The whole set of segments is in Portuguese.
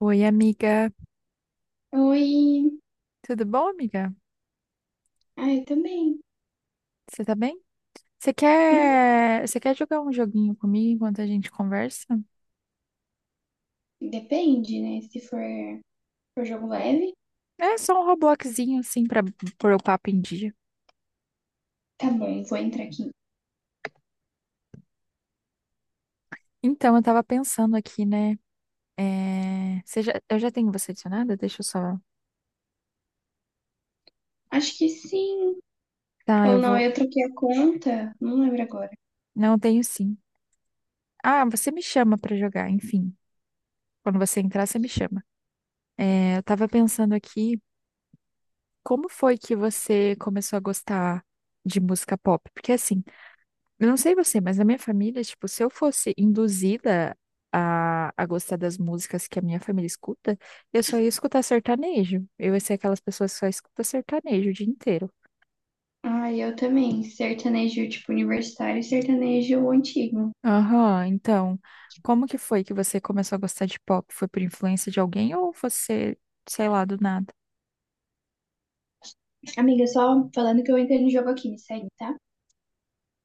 Oi, amiga. Oi. Tudo bom, amiga? Ah, eu também. Você tá bem? Você Uhum. quer, você quer jogar um joguinho comigo enquanto a gente conversa? Depende, né? Se for jogo leve. É só um Robloxzinho, assim, pra pôr o papo em dia. Tá bom, vou entrar aqui. Então, eu tava pensando aqui, né? Você já... Eu já tenho você adicionada? Deixa eu só. Acho que sim. Tá, Ou eu não, vou. eu troquei a conta. Não lembro agora. Não, eu tenho sim. Ah, você me chama pra jogar, enfim. Quando você entrar, você me chama. É, eu tava pensando aqui, como foi que você começou a gostar de música pop? Porque assim. Eu não sei você, mas na minha família, tipo, se eu fosse induzida a gostar das músicas que a minha família escuta, eu só ia escutar sertanejo. Eu ia ser aquelas pessoas que só escuta sertanejo o dia inteiro. Ah, eu também. Sertanejo, tipo, universitário e sertanejo antigo. Aham, então, como que foi que você começou a gostar de pop? Foi por influência de alguém ou você, sei lá, do nada? Amiga, só falando que eu entrei no jogo aqui, me segue, tá?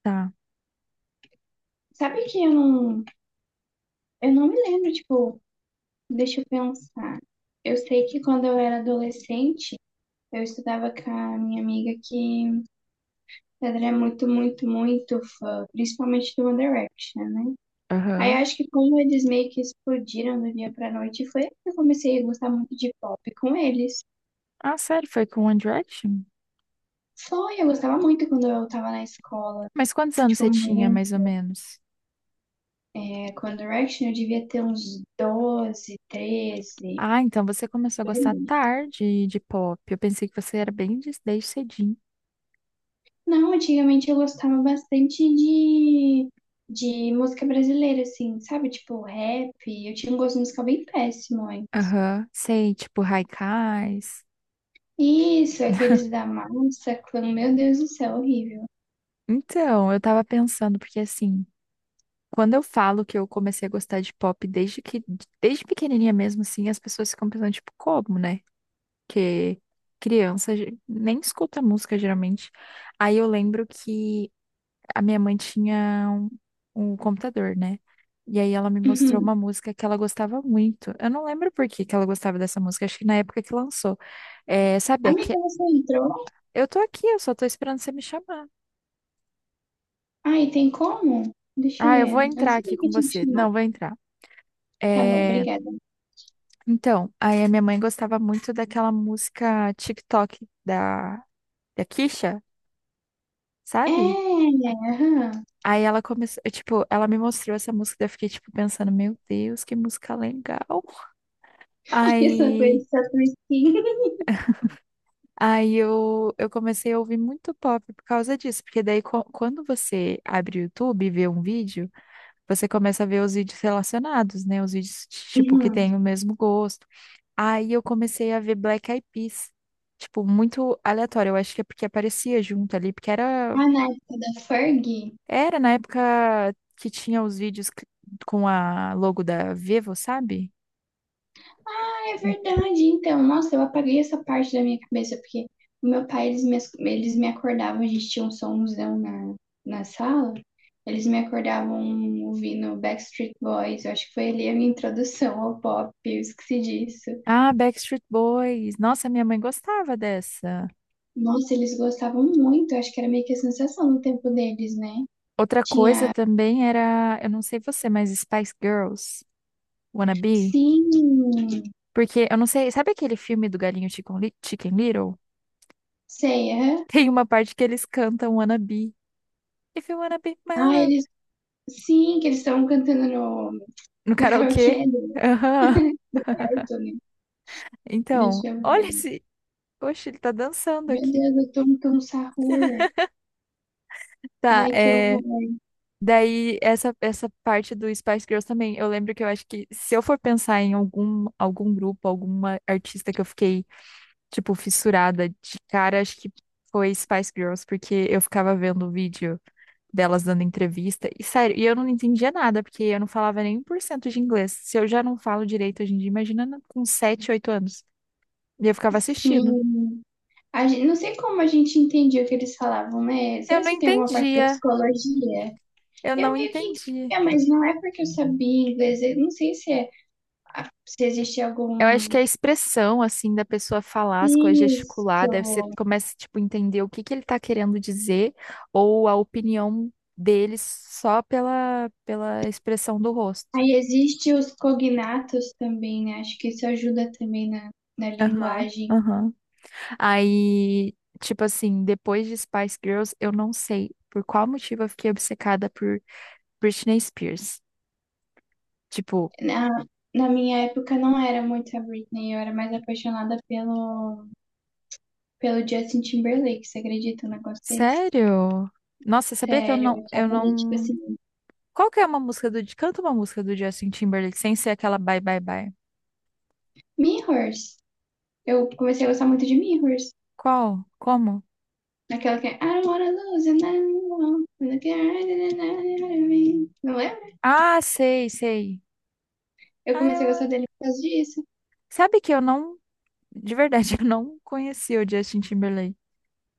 Tá, Sabe que eu não me lembro, tipo, deixa eu pensar. Eu sei que quando eu era adolescente, eu estudava com a minha amiga que Pedro é muito, muito, muito fã, principalmente do One Direction, né? Aí aham. acho que como eles meio que explodiram do dia pra noite, foi aí que eu comecei a gostar muito de pop com eles. Ah, sério, foi com One Direction? Foi, eu gostava muito quando eu tava na escola. Mas quantos anos Tipo, você tinha, muito. mais ou menos? É, com One Direction eu devia ter uns 12, 13. Ah, então você começou a Por gostar aí. tarde de pop. Eu pensei que você era bem desde cedinho. Não, antigamente eu gostava bastante de música brasileira, assim, sabe? Tipo, rap. Eu tinha um gosto musical bem péssimo, hein? Aham, sei, tipo Haikais. Isso, aqueles da massa, clã, meu Deus do céu, horrível. Então, eu tava pensando, porque assim, quando eu falo que eu comecei a gostar de pop desde pequenininha mesmo, assim, as pessoas ficam pensando, tipo, como, né? Que criança nem escuta música geralmente. Aí eu lembro que a minha mãe tinha um computador, né? E aí ela me mostrou Uhum. uma música que ela gostava muito. Eu não lembro por que que ela gostava dessa música, acho que na época que lançou. É, sabe, aqui, Amiga, você entrou? eu tô aqui, eu só tô esperando você me chamar. Ai, tem como? Deixa eu Ah, eu vou ver. Eu não entrar aqui sabia que com tinha que você. chamar. Não, vou entrar. Tá bom, É. obrigada. Então, aí a minha mãe gostava muito daquela música TikTok da Kisha, sabe? É, aham. Aí ela começou, eu, tipo, ela me mostrou essa música, daí eu fiquei, tipo, pensando, meu Deus, que música legal. Essa coisa Aí, só por skin. aí eu comecei a ouvir muito pop por causa disso, porque daí quando você abre o YouTube e vê um vídeo, você começa a ver os vídeos relacionados, né? Os vídeos, tipo, que Uhum. têm o mesmo gosto. Aí eu comecei a ver Black Eyed Peas. Tipo, muito aleatório. Eu acho que é porque aparecia junto ali, porque Ah, na época da Ferg. era na época que tinha os vídeos com a logo da Vivo, sabe? Ah, é verdade. Então, nossa, eu apaguei essa parte da minha cabeça, porque o meu pai, eles me acordavam, a gente tinha um somzão na sala, eles me acordavam ouvindo Backstreet Boys. Eu acho que foi ali a minha introdução ao pop, eu esqueci disso. Ah, Backstreet Boys. Nossa, minha mãe gostava dessa. Nossa, eles gostavam muito, eu acho que era meio que a sensação no tempo deles, né? Outra coisa Tinha, também era, eu não sei você, mas Spice Girls, Wanna Be? sim, Porque eu não sei, sabe aquele filme do Galinho Chicken Little? sei, aham. Tem uma parte que eles cantam Wanna Be. If you wanna be my Ah, love. eles, sim, que eles estavam cantando no, No no karaokê. karaokê do Aham. do quarto, né? Então, Deixa eu olha ver. esse. Oxe, ele tá dançando Meu aqui. Deus, eu tô com um sarrur. Tá, Ai, que é. horror. Daí, essa parte do Spice Girls também. Eu lembro que eu acho que se eu for pensar em algum grupo, alguma artista que eu fiquei, tipo, fissurada de cara, acho que foi Spice Girls, porque eu ficava vendo o vídeo delas dando entrevista. E sério, e eu não entendia nada, porque eu não falava nem 1 por cento de inglês. Se eu já não falo direito hoje em dia, imagina com 7 8 anos. E eu ficava assistindo. Sim. A gente, não sei como a gente entendia o que eles falavam, né? Eu Será não que tem alguma parte da entendia, psicologia? eu Eu não meio que entendi. entendia, mas não é porque eu sabia inglês. Eu não sei se é, se existe Eu acho que algum. a expressão, assim, da pessoa falar as coisas, gesticular, Isso. deve ser, começa, tipo, entender o que que ele tá querendo dizer ou a opinião dele só pela expressão do rosto. Aí existe os cognatos também, né? Acho que isso ajuda também na Aham, linguagem. aham. Aí, tipo assim, depois de Spice Girls, eu não sei por qual motivo eu fiquei obcecada por Britney Spears. Tipo, Na, na minha época não era muito a Britney, eu era mais apaixonada pelo Justin Timberlake. Você acredita num negócio desse? sério? Nossa, sabia que eu Sério, não, eu eu achava ele tipo não. assim. Qual que é uma música do. Canta uma música do Justin Timberlake sem ser aquela Bye Bye Bye. Mirrors. Eu comecei a gostar muito de Mirrors. Qual? Como? Naquela que é I don't wanna lose you now. Look. Não lembra? Ah, sei, sei. Eu Ah, comecei a gostar eu- dele por causa disso. Sabe que eu não. De verdade, eu não conhecia o Justin Timberlake.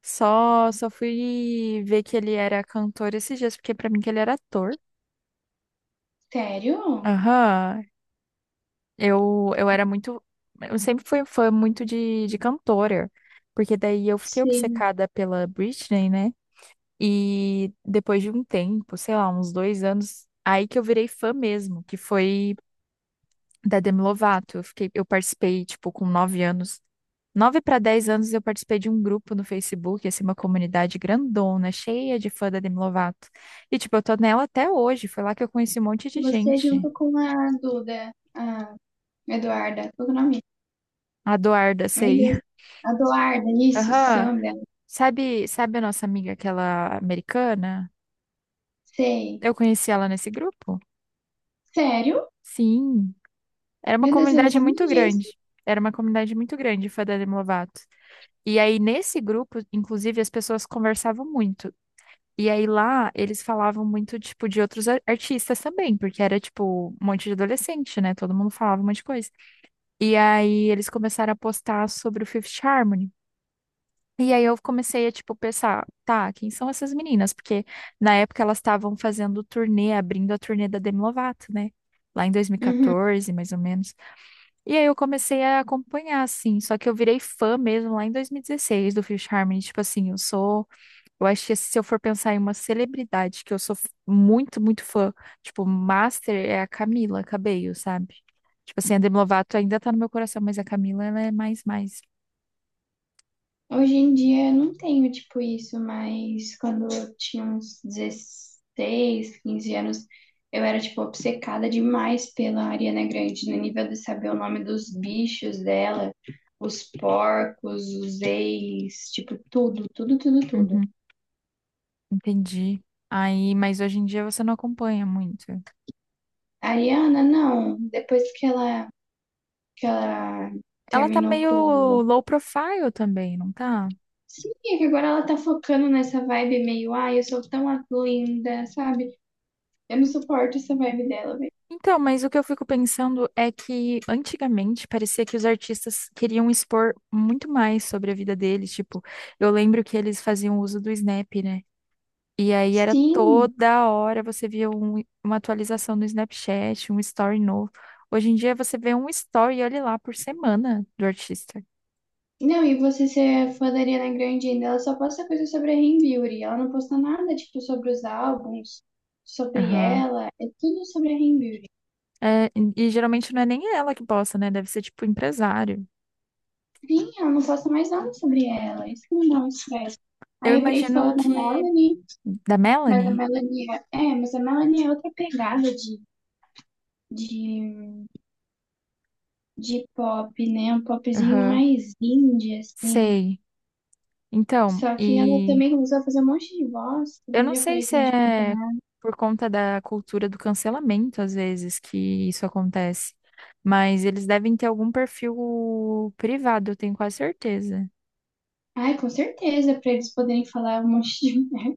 Só fui ver que ele era cantor esses dias, porque pra mim que ele era ator. Sério? Aham. Eu era muito. Eu sempre fui fã muito de cantora, porque daí eu fiquei Sim. obcecada pela Britney, né? E depois de um tempo, sei lá, uns dois anos, aí que eu virei fã mesmo, que foi da Demi Lovato. Eu fiquei, eu participei, tipo, com 9 anos. 9 para 10 anos eu participei de um grupo no Facebook, assim, uma comunidade grandona, cheia de fã da Demi Lovato. E, tipo, eu tô nela até hoje. Foi lá que eu conheci um monte de Você gente. junto com a Duda, a Eduarda, qual que é o nome? A Eduarda, Meu sei. Deus. A Eduarda, isso, esse é o Aham. nome dela. Sabe, sabe a nossa amiga, aquela americana? Sei. Eu conheci ela nesse grupo? Sério? Sim. Era uma Meu Deus, eu não comunidade sabia muito disso. grande. Era uma comunidade muito grande, foi da Demi Lovato. E aí, nesse grupo, inclusive, as pessoas conversavam muito. E aí lá, eles falavam muito, tipo, de outros artistas também, porque era, tipo, um monte de adolescente, né? Todo mundo falava um monte de coisa. E aí, eles começaram a postar sobre o Fifth Harmony. E aí eu comecei a, tipo, pensar, tá, quem são essas meninas? Porque na época elas estavam fazendo turnê, abrindo a turnê da Demi Lovato, né? Lá em Uhum. 2014, mais ou menos. E aí eu comecei a acompanhar, assim. Só que eu virei fã mesmo lá em 2016 do Fifth Harmony. Tipo assim, eu sou... Eu acho que se eu for pensar em uma celebridade que eu sou muito, muito fã, tipo, master é a Camila Cabello, sabe? Tipo assim, a Demi Lovato ainda tá no meu coração, mas a Camila, ela é mais. Hoje em dia eu não tenho tipo isso, mas quando eu tinha uns 16, 15 anos, eu era tipo obcecada demais pela Ariana Grande, no nível de saber o nome dos bichos dela, os porcos, os ex, tipo tudo, tudo, tudo, tudo. Uhum, entendi. Aí, mas hoje em dia você não acompanha muito. A Ariana, não, depois que ela, Ela tá terminou meio com. low profile também, não tá? Sim, é que agora ela tá focando nessa vibe meio, ai, eu sou tão linda, sabe? Eu não En- suporto essa vibe dela. Então, mas o que eu fico pensando é que antigamente parecia que os artistas queriam expor muito mais sobre a vida deles. Tipo, eu lembro que eles faziam uso do Snap, né? E aí era Sim. toda hora você via uma atualização no Snapchat, um story novo. Hoje em dia você vê um story, olha lá, por semana do artista. Não, e você ser fã da Ariana Grande ainda, ela só posta coisa sobre a Rei Beauty. Ela não posta nada, tipo, sobre os álbuns, sobre Aham. ela. É tudo sobre a Rei Beauty. É, e geralmente não é nem ela que posta, né? Deve ser tipo empresário. Sim, ela não posta mais nada sobre ela. Isso que me dá um estresse. Eu Aí eu virei imagino fã da que. Melanie, Da mas a Melanie? Melanie é, mas a Melanie é outra pegada de, de pop, né? Um popzinho Aham. mais indie, assim. Sei. Então, Só que ela e. também começou a fazer um monte de voz, que Eu daí não eu já sei parei se também de. é por conta da cultura do cancelamento, às vezes, que isso acontece. Mas eles devem ter algum perfil privado, eu tenho quase certeza. Ai, com certeza, para eles poderem falar um monte de merda.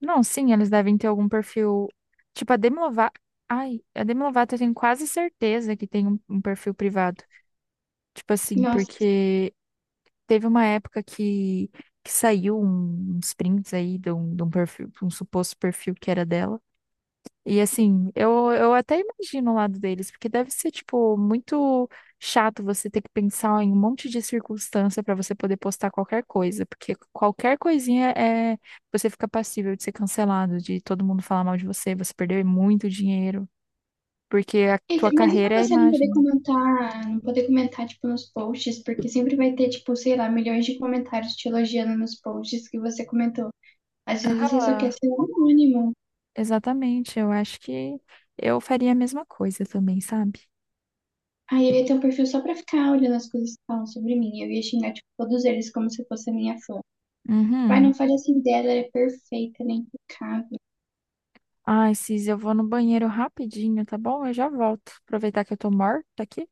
Não, sim, eles devem ter algum perfil. Tipo, a Demi Lovato. Ai, a Demi Lovato eu tenho quase certeza que tem um perfil privado. Tipo assim, Nossa. porque teve que saiu uns prints aí de um perfil, um suposto perfil que era dela. E assim, eu até imagino o lado deles, porque deve ser, tipo, muito chato você ter que pensar em um monte de circunstância para você poder postar qualquer coisa, porque qualquer coisinha é você fica passível de ser cancelado, de todo mundo falar mal de você, você perder muito dinheiro, porque a E tua imagina carreira é a você não poder imagem. comentar, tipo, nos posts, porque sempre vai ter, tipo, sei lá, milhões de comentários te elogiando nos posts que você comentou. Às vezes você só quer Aham, ser um anônimo. exatamente. Eu acho que eu faria a mesma coisa também, sabe? Aí eu ia ter um perfil só pra ficar olhando as coisas que falam sobre mim. Eu ia xingar, tipo, todos eles como se fosse a minha fã. Tipo, ai, Uhum. não fale assim dela, ela é perfeita, ela é impecável. Ai, Cis, eu vou no banheiro rapidinho, tá bom? Eu já volto. Aproveitar que eu tô morta aqui.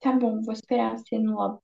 Tá bom, vou esperar ser no lobby.